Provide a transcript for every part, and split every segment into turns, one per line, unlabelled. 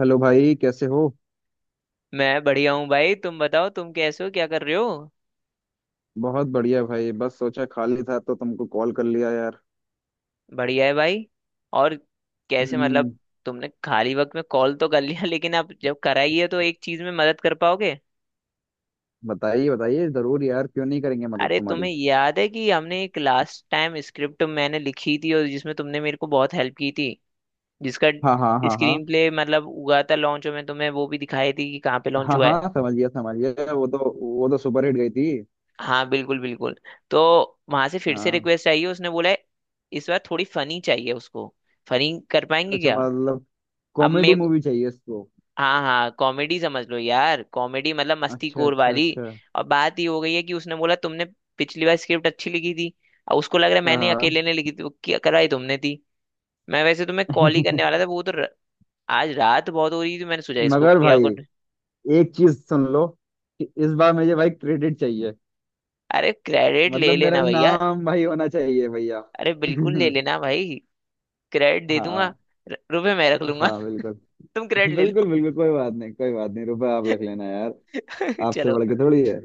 Hello भाई, कैसे हो।
मैं बढ़िया हूँ भाई। तुम बताओ, तुम कैसे हो, क्या कर रहे हो?
बहुत बढ़िया भाई, बस सोचा खाली था तो तुमको कॉल कर लिया यार।
बढ़िया है भाई। और कैसे
हम्म।
मतलब? तुमने खाली वक्त में कॉल तो कर लिया लेकिन अब जब कराई है तो एक चीज में मदद कर पाओगे?
बताइए बताइए, जरूर यार, क्यों नहीं करेंगे मदद
अरे
तुम्हारी।
तुम्हें याद है कि हमने एक लास्ट टाइम स्क्रिप्ट मैंने लिखी थी और जिसमें तुमने मेरे को बहुत हेल्प की थी, जिसका
हाँ हाँ हाँ हाँ।
स्क्रीन प्ले मतलब हुआ था? लॉन्च में तुम्हें वो भी दिखाई थी कि कहाँ पे लॉन्च
हाँ
हुआ है।
हाँ समझ गया समझ गया, वो तो सुपर हिट गई थी।
हाँ बिल्कुल बिल्कुल। तो वहां से फिर से
हाँ।
रिक्वेस्ट आई है, उसने बोला है इस बार थोड़ी फनी चाहिए उसको। फनी कर पाएंगे
अच्छा
क्या?
मतलब
अब मैं।
कॉमेडी मूवी चाहिए इसको।
हाँ हाँ कॉमेडी समझ लो यार, कॉमेडी मतलब मस्ती
अच्छा
कोर
अच्छा
वाली।
अच्छा।
और बात ये हो गई है कि उसने बोला तुमने पिछली बार स्क्रिप्ट अच्छी लिखी थी और उसको लग रहा है मैंने
हाँ।
अकेले ने लिखी थी। वो क्या कराई तुमने थी। मैं वैसे तुम्हें कॉल ही करने वाला था। आज रात बहुत हो रही थी, मैंने सोचा इसको
मगर
क्या
भाई,
कर।
एक चीज सुन लो कि इस बार मुझे भाई क्रेडिट चाहिए।
अरे क्रेडिट ले
मतलब मेरा
लेना भैया।
नाम भाई होना चाहिए भैया।
अरे बिल्कुल ले लेना भाई, क्रेडिट दे दूंगा।
हाँ।
रुपए मैं रख लूंगा।
हाँ बिल्कुल
तुम क्रेडिट ले
बिल्कुल।
लो।
बिल्कुल कोई बात नहीं, कोई बात नहीं, रुपए आप रख लेना यार। आपसे
चलो।
बढ़ के थोड़ी है।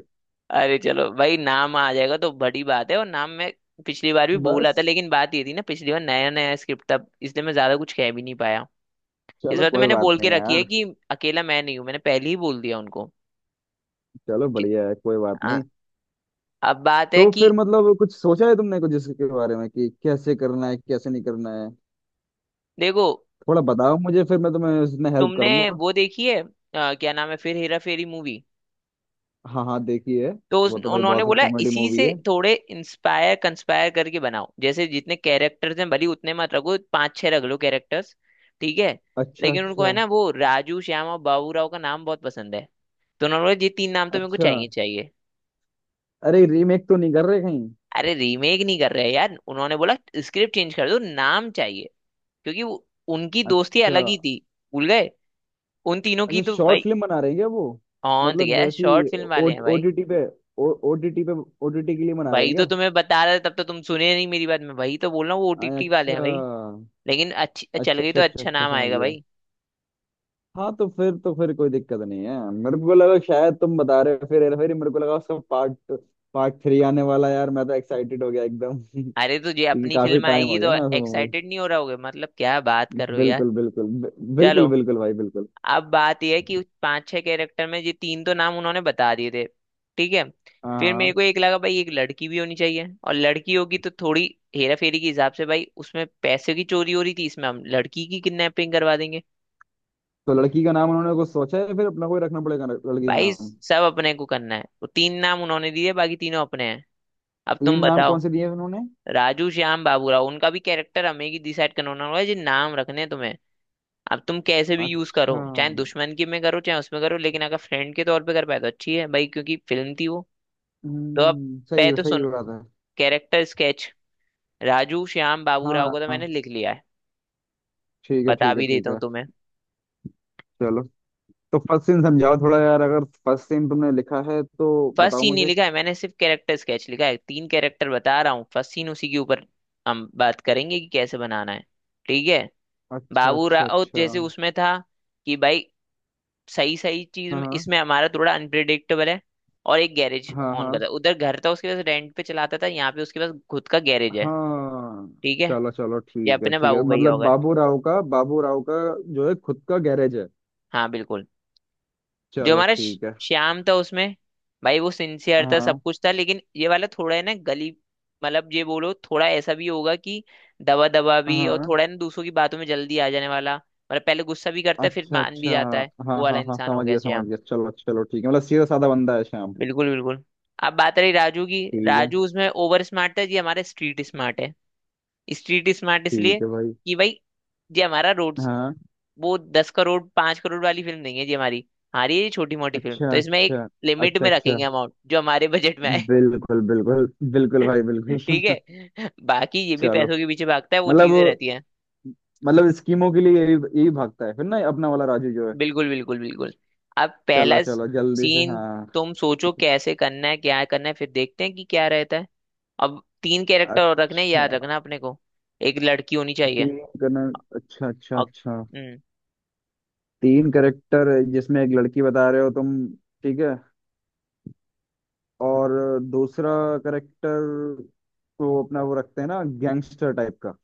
अरे चलो भाई नाम आ जाएगा तो बड़ी बात है। और नाम मैं पिछली बार भी बोला था,
बस
लेकिन बात ये थी ना पिछली बार नया नया स्क्रिप्ट था इसलिए मैं ज्यादा कुछ कह भी नहीं पाया। इस
चलो,
बार तो
कोई
मैंने
बात
बोल
नहीं
के रखी है
यार।
कि अकेला मैं नहीं हूँ, मैंने पहले ही बोल दिया उनको
चलो
कि-
बढ़िया है, कोई बात
हाँ।
नहीं।
अब बात है
तो
कि
फिर मतलब कुछ सोचा है तुमने कुछ इसके बारे में कि कैसे करना है कैसे नहीं करना है।
देखो,
थोड़ा बताओ मुझे, फिर मैं तुम्हें इसमें हेल्प
तुमने
करूंगा।
वो देखी है, क्या नाम है फिर हेरा फेरी मूवी?
हाँ हाँ देखिए।
तो
वो तो भाई
उन्होंने
बहुत
बोला
कॉमेडी
इसी
मूवी
से
है।
थोड़े इंस्पायर कंस्पायर करके बनाओ, जैसे जितने कैरेक्टर्स हैं भले ही उतने मत रखो, पांच छह रख लो कैरेक्टर्स। ठीक है।
अच्छा
लेकिन उनको है
अच्छा
ना वो राजू श्याम और बाबूराव का नाम बहुत पसंद है। तो उन्होंने बोला ये तीन नाम तो मेरे को
अच्छा।
चाहिए चाहिए।
अरे रीमेक तो नहीं कर रहे कहीं।
अरे रीमेक नहीं कर रहे हैं यार, उन्होंने बोला स्क्रिप्ट चेंज कर दो, नाम चाहिए। क्योंकि उनकी दोस्ती
अच्छा।
अलग ही थी, भूल गए उन तीनों की
अच्छा,
तो
शॉर्ट
भाई।
फिल्म बना रहे हैं क्या वो।
हाँ तो
मतलब
क्या
वैसी
शॉर्ट फिल्म वाले हैं भाई?
ओटीटी पे, ओटीटी पे, ओटीटी के लिए बना रहे हैं
भाई तो
क्या।
तुम्हें बता रहा था, तब तो तुम सुने नहीं मेरी बात, मैं वही तो बोल रहा हूँ वो ओटीटी वाले
अच्छा
हैं भाई। लेकिन अच्छी चल
अच्छा
गई
अच्छा
तो
अच्छा।
अच्छा
अच्छा
नाम
समझ
आएगा
गया।
भाई।
हाँ, तो फिर कोई दिक्कत नहीं है, मेरे को लगा शायद तुम बता रहे हो फिर हेरा फेरी, मेरे को लगा उसका पार्ट, पार्ट 3 आने वाला है यार, मैं तो एक्साइटेड हो गया एकदम। क्योंकि
अरे तो ये अपनी
काफी
फिल्म
टाइम हो
आएगी
गया
तो
ना उस
एक्साइटेड नहीं हो रहा होगे मतलब, क्या बात कर रहे हो यार?
बिल्कुल बिल्कुल
चलो।
बिल्कुल बिल्कुल भाई बिल्कुल।
अब बात यह है कि उस पांच छह कैरेक्टर में ये तीन तो नाम उन्होंने बता दिए थे। ठीक है। फिर
हाँ।
मेरे को एक लगा भाई एक लड़की भी होनी चाहिए, और लड़की होगी तो थोड़ी हेरा फेरी के हिसाब से भाई, उसमें पैसे की चोरी हो रही थी, इसमें हम लड़की की किडनैपिंग करवा देंगे।
तो लड़की का नाम उन्होंने कुछ सोचा है फिर, अपना कोई रखना पड़ेगा लड़की का
भाई
नाम।
सब अपने को करना है, वो तीन नाम उन्होंने दिए बाकी तीनों अपने हैं। अब तुम
तीन नाम
बताओ।
कौन से दिए हैं उन्होंने।
राजू श्याम बाबूराव, उनका भी कैरेक्टर हमें ही डिसाइड करना होना होगा जी, नाम रखने हैं तुम्हें। अब तुम कैसे भी यूज करो,
अच्छा।
चाहे दुश्मन की में करो चाहे उसमें करो, लेकिन अगर फ्रेंड के तौर पे कर पाए तो अच्छी है भाई क्योंकि फिल्म थी वो। तो अब
हम्म, सही
पै
है,
तो
सही
सुनो,
बात है।
कैरेक्टर स्केच राजू श्याम बाबूराव
हाँ
को तो
हाँ,
मैंने लिख लिया है,
ठीक है
बता
ठीक है
भी
ठीक
देता हूँ
है।
तुम्हें।
चलो। तो फर्स्ट सीन समझाओ थोड़ा यार, अगर फर्स्ट सीन तुमने लिखा है तो।
फर्स्ट
बताओ
सीन नहीं
मुझे।
लिखा है, मैंने सिर्फ कैरेक्टर स्केच लिखा है, तीन कैरेक्टर बता रहा हूँ। फर्स्ट सीन उसी के ऊपर हम बात करेंगे कि कैसे बनाना है। ठीक है।
अच्छा अच्छा
बाबूराव
अच्छा।
जैसे उसमें था कि भाई सही सही
हाँ
इसमें हमारा थोड़ा अनप्रिडिक्टेबल है और एक गैरेज
हाँ हाँ
ऑन
हाँ
करता है। उधर घर था उसके पास रेंट पे चलाता था, यहाँ पे उसके पास खुद का गैरेज है।
हाँ।
ठीक है,
चलो चलो
ये
ठीक है
अपने
ठीक है,
बाबू भैया हो
मतलब
गए।
बाबू राव का, बाबू राव का जो है खुद का गैरेज है।
हाँ बिल्कुल। जो
चलो
हमारा
ठीक है।
श्याम था उसमें भाई वो सिंसियर था सब
हाँ
कुछ था, लेकिन ये वाला थोड़ा है ना गली, मतलब ये बोलो थोड़ा ऐसा भी होगा कि दबा दबा भी, और
हाँ।
थोड़ा है ना दूसरों की बातों में जल्दी आ जाने वाला, मतलब पहले गुस्सा भी करता है फिर
अच्छा
मान भी
अच्छा।
जाता है, वो
हाँ
वाला
हाँ हाँ
इंसान हो
समझ
गया।
गया समझ गया, चलो चलो ठीक है, मतलब सीधा साधा बंदा है श्याम।
बिल्कुल बिल्कुल। अब बात रही राजू की।
ठीक है।
राजू उसमें ओवर स्मार्ट है, ये हमारे स्ट्रीट स्मार्ट है। स्ट्रीट स्मार्ट इसलिए
ठीक है भाई।
कि भाई ये हमारा रोड,
हाँ।
वो 10 करोड़ 5 करोड़ वाली फिल्म नहीं है जी हमारी। हमारी ये छोटी मोटी फिल्म
अच्छा
तो इसमें एक
अच्छा
लिमिट
अच्छा
में
अच्छा।
रखेंगे अमाउंट जो हमारे बजट में आए।
बिल्कुल बिल्कुल। बिल्कुल भाई बिल्कुल।
ठीक है, बाकी ये भी
चलो।
पैसों के पीछे भागता है वो चीजें
मतलब
रहती हैं।
मतलब स्कीमों के लिए यही यही भागता है फिर ना, अपना वाला राजू जो है।
बिल्कुल बिल्कुल बिल्कुल। अब
चलो
पहला
चलो जल्दी से,
सीन
हाँ।
तुम सोचो कैसे करना है क्या करना है फिर देखते हैं कि क्या रहता है। अब तीन कैरेक्टर और रखने हैं, याद
अच्छा।
रखना अपने को। एक लड़की होनी चाहिए।
तीन करना। अच्छा अच्छा
और
अच्छा।
हम्म।
तीन करेक्टर जिसमें एक लड़की बता रहे हो तुम। ठीक है। और दूसरा करेक्टर तो अपना वो रखते हैं ना गैंगस्टर टाइप का।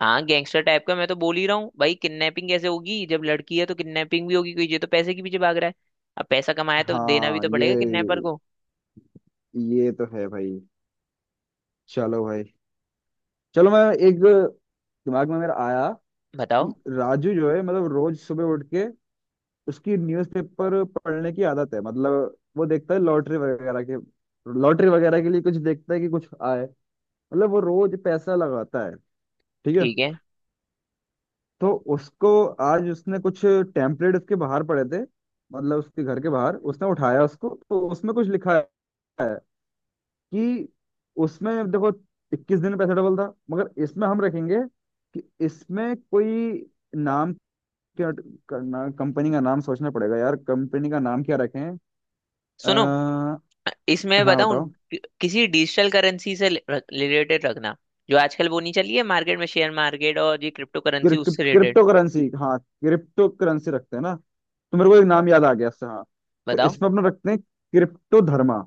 हाँ गैंगस्टर टाइप का मैं तो बोल ही रहा हूँ भाई, किडनैपिंग कैसे होगी? जब लड़की है तो किडनैपिंग भी होगी क्योंकि ये तो पैसे के पीछे भाग रहा है। अब पैसा कमाया तो देना भी
हाँ,
तो पड़ेगा किडनैपर को।
ये तो है भाई। चलो भाई। चलो, मैं एक, दिमाग में मेरा आया
बताओ।
कि राजू जो है मतलब रोज सुबह उठ के उसकी न्यूज़पेपर पढ़ने की आदत है, मतलब वो देखता है लॉटरी वगैरह के, लॉटरी वगैरह के लिए कुछ देखता है कि कुछ आए, मतलब वो रोज पैसा लगाता है। ठीक है।
ठीक है,
तो उसको आज उसने कुछ टेम्पलेट उसके बाहर पड़े थे, मतलब उसके घर के बाहर उसने उठाया उसको तो उसमें कुछ लिखा है कि उसमें देखो 21 दिन में पैसा डबल था, मगर इसमें हम रखेंगे कि इसमें कोई नाम, क्या करना, कंपनी का नाम सोचना पड़ेगा यार, कंपनी का नाम क्या रखें।
सुनो,
आ,
इसमें
हाँ
बताऊं
बताओ।
किसी डिजिटल करेंसी से रिलेटेड रखना, जो आजकल वो नहीं चली है मार्केट में, शेयर मार्केट और ये क्रिप्टो करेंसी, उससे रिलेटेड।
क्रिप्टो करेंसी, हाँ क्रिप्टो करेंसी रखते हैं ना। तो मेरे को एक नाम याद आ गया इससे। हाँ। तो
बताओ।
इसमें अपना रखते हैं क्रिप्टो धर्मा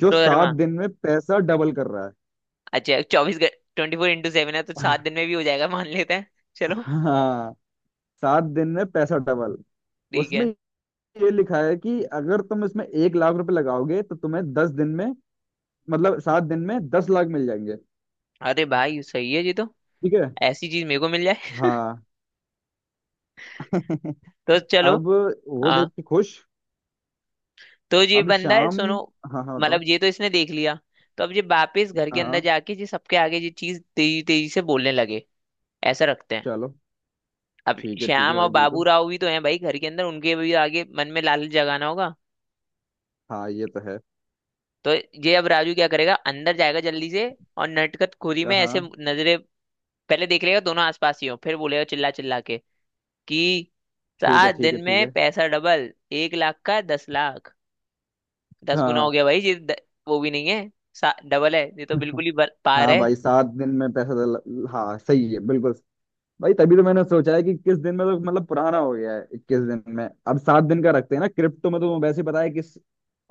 जो सात
धर्मा।
दिन में पैसा डबल कर रहा
अच्छा 24, 24/7 है तो
है।
सात दिन में भी हो जाएगा, मान लेते हैं। चलो।
हाँ। 7 दिन में पैसा डबल,
ठीक
उसमें
है।
ये लिखा है कि अगर तुम इसमें 1 लाख रुपए लगाओगे तो तुम्हें 10 दिन में, मतलब 7 दिन में 10 लाख मिल जाएंगे।
अरे भाई सही है जी, तो
ठीक है।
ऐसी चीज मेरे को मिल जाए।
हाँ।
तो चलो।
अब वो
हाँ,
देख के खुश।
तो ये
अब
बंदा है,
शाम।
सुनो।
हाँ हाँ
मतलब
बताओ।
ये तो इसने देख लिया, तो अब ये वापस घर के
हाँ
अंदर
हाँ।
जाके ये सबके आगे ये चीज तेजी तेजी से बोलने लगे, ऐसा रखते हैं।
चलो।
अब
ठीक है
श्याम और
भाई
बाबू
बिल्कुल।
राव भी तो हैं भाई घर के अंदर, उनके भी आगे मन में लालच जगाना होगा।
हाँ ये तो है।
तो ये अब राजू क्या करेगा, अंदर जाएगा जल्दी से और नटखट खोरी
हाँ
में ऐसे
हाँ,
नजरे। पहले देख लेगा दोनों आसपास ही हो, फिर बोलेगा चिल्ला चिल्ला के कि
ठीक है
सात
ठीक है
दिन
ठीक
में
है।
पैसा डबल, 1 लाख का 10 लाख। 10 गुना
हाँ।
हो गया भाई ये वो भी नहीं है, डबल है, ये तो बिल्कुल ही पार
हाँ
है।
भाई 7 दिन में पैसा डल-, हाँ सही है बिल्कुल। भाई तभी तो मैंने सोचा है कि किस दिन में, तो मतलब पुराना हो गया है 21 दिन में, अब 7 दिन का रखते हैं ना, क्रिप्टो में तो तुम्हें वैसे ही पता है किस।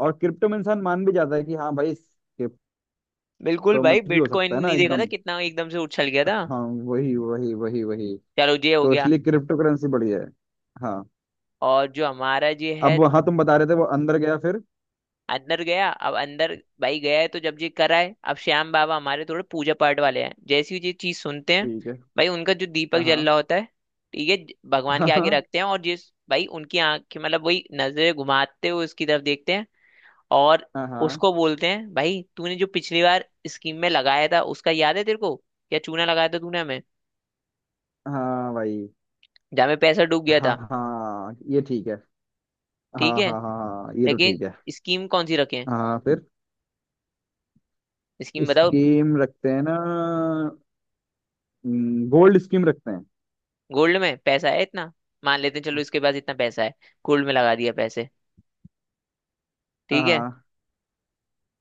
और क्रिप्टो में इंसान मान भी जाता है कि हाँ भाई क्रिप्टो
बिल्कुल
में
भाई,
कुछ भी हो
बिटकॉइन
सकता है ना
नहीं देखा था
एकदम।
कितना एकदम से उछल गया था।
हाँ। वही वही वही वही।
चलो ये हो
तो
गया।
इसलिए क्रिप्टो करेंसी बढ़िया है। हाँ।
और जो हमारा ये है,
अब हाँ तुम बता रहे थे वो अंदर गया फिर।
अंदर गया, अब अंदर भाई गया है तो जब ये कराए अब श्याम बाबा हमारे थोड़े पूजा पाठ वाले हैं, जैसी ये चीज सुनते हैं
ठीक है।
भाई उनका जो दीपक जल
हाँ
रहा होता है, ठीक है, भगवान के आगे
हाँ
रखते हैं, और जिस भाई उनकी आंखें मतलब वही नजरें घुमाते हुए उसकी तरफ देखते हैं। और
हाँ हाँ।
उसको बोलते हैं भाई तूने जो पिछली बार स्कीम में लगाया था उसका याद है तेरे को, क्या चूना लगाया था तूने हमें,
हाँ भाई।
जहाँ में पैसा डूब गया
हाँ
था।
हाँ ये ठीक है। हाँ
ठीक है,
हाँ हाँ हाँ, ये तो
लेकिन
ठीक है।
स्कीम कौन सी रखें?
हाँ फिर,
स्कीम बताओ।
स्कीम रखते हैं ना, गोल्ड स्कीम रखते हैं।
गोल्ड में पैसा है इतना, मान लेते हैं चलो इसके पास इतना पैसा है, गोल्ड में लगा दिया पैसे। ठीक है।
हाँ।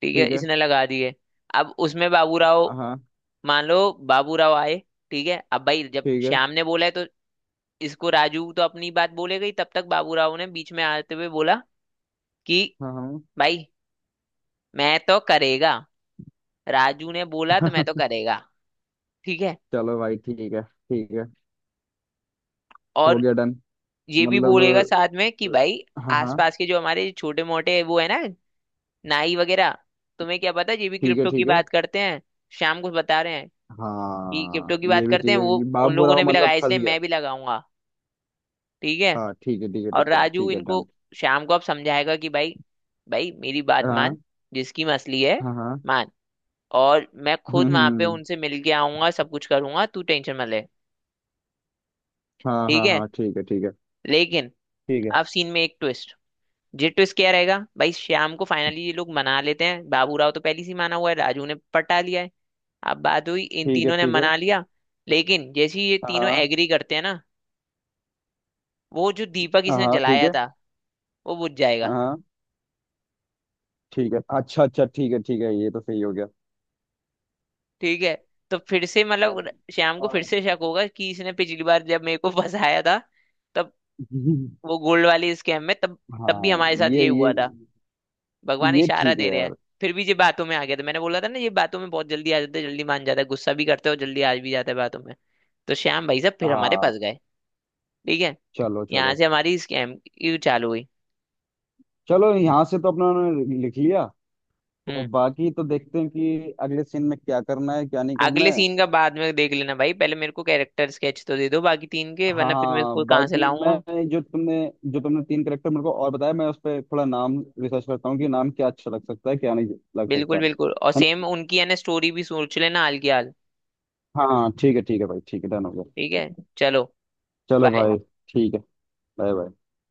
ठीक है,
ठीक है।
इसने लगा दिए। अब उसमें बाबू राव,
हाँ।
मान लो बाबू राव आए। ठीक है, अब भाई जब
ठीक है।
श्याम ने बोला है तो इसको, राजू तो अपनी बात बोलेगा ही, तब तक बाबू राव ने बीच में आते हुए बोला कि
हाँ हाँ।
भाई मैं तो करेगा, राजू ने बोला तो मैं तो करेगा। ठीक है।
चलो भाई ठीक है ठीक है, हो
और
गया डन।
ये भी
मतलब,
बोलेगा साथ में कि भाई
हाँ हाँ।
आसपास के जो हमारे छोटे मोटे वो है ना, नाई वगैरह, तुम्हें क्या पता ये भी
ठीक है
क्रिप्टो की
ठीक है।
बात करते हैं, शाम को बता रहे हैं कि
हाँ
क्रिप्टो की
ये
बात
भी
करते
ठीक
हैं
है
वो,
कि
उन
बाबू
लोगों
राव
ने भी
मतलब
लगाया
फंस
इसलिए
गया।
मैं भी लगाऊंगा। ठीक है।
हाँ ठीक है ठीक है ठीक
और
है
राजू
ठीक है डन।
इनको शाम को अब समझाएगा कि भाई, भाई मेरी बात
हाँ
मान, जिसकी मसली है,
हाँ हाँ।
मान। और मैं खुद वहां पे
हम्म।
उनसे मिल के आऊंगा सब कुछ करूंगा, तू टेंशन मत ले।
हाँ
ठीक
हाँ
है,
हाँ ठीक है ठीक है।
लेकिन
ठीक है।
अब सीन में एक ट्विस्ट। ये ट्विस्ट क्या रहेगा भाई, श्याम को फाइनली ये लोग मना लेते हैं, बाबू राव तो पहले से ही माना हुआ है, राजू ने पटा लिया है। अब बात हुई इन
ठीक है
तीनों ने
ठीक है।
मना लिया। लेकिन जैसे ही ये तीनों
हाँ
एग्री करते हैं ना, वो जो दीपक इसने
हाँ ठीक
जलाया
है।
था वो बुझ जाएगा।
हाँ ठीक है। अच्छा अच्छा, ठीक है ठीक है, ये तो सही हो गया।
ठीक है। तो फिर से मतलब श्याम को फिर से शक होगा कि इसने पिछली बार जब मेरे को फंसाया था तब, वो गोल्ड वाले स्कैम में तब, तब भी
हाँ।
हमारे साथ
ये
ये
ये
हुआ था, भगवान
ये
इशारा
ठीक है
दे रहे हैं।
यार।
फिर भी ये बातों में आ गया था, मैंने बोला था ना ये बातों में बहुत जल्दी आ जाते हैं, जल्दी मान जाता है, गुस्सा भी करते हो जल्दी आ भी जाता है बातों में। तो श्याम भाई साहब फिर हमारे
हाँ।
पास गए। ठीक है,
चलो
यहाँ
चलो।
से हमारी स्कैम की चालू हुई।
चलो, यहाँ से तो अपना उन्होंने लिख लिया, और
हम्म।
बाकी तो देखते हैं कि अगले सीन में क्या करना है क्या नहीं करना
अगले
है।
सीन का बाद में देख लेना भाई, पहले मेरे को कैरेक्टर स्केच तो दे दो बाकी तीन के वरना फिर मैं
हाँ,
इसको कहाँ से
बाकी
लाऊंगा।
मैं, जो तुमने जो तुमने तीन करेक्टर मेरे को और बताया, मैं उस पर थोड़ा नाम रिसर्च करता हूँ कि नाम क्या अच्छा लग सकता है क्या नहीं लग सकता।
बिल्कुल बिल्कुल और
है ना।
सेम उनकी है ना स्टोरी भी सोच लेना हाल की हाल।
हाँ ठीक है भाई, ठीक है डन हो गया।
ठीक है। चलो।
चलो
बाय।
भाई। ठीक है। Bye bye.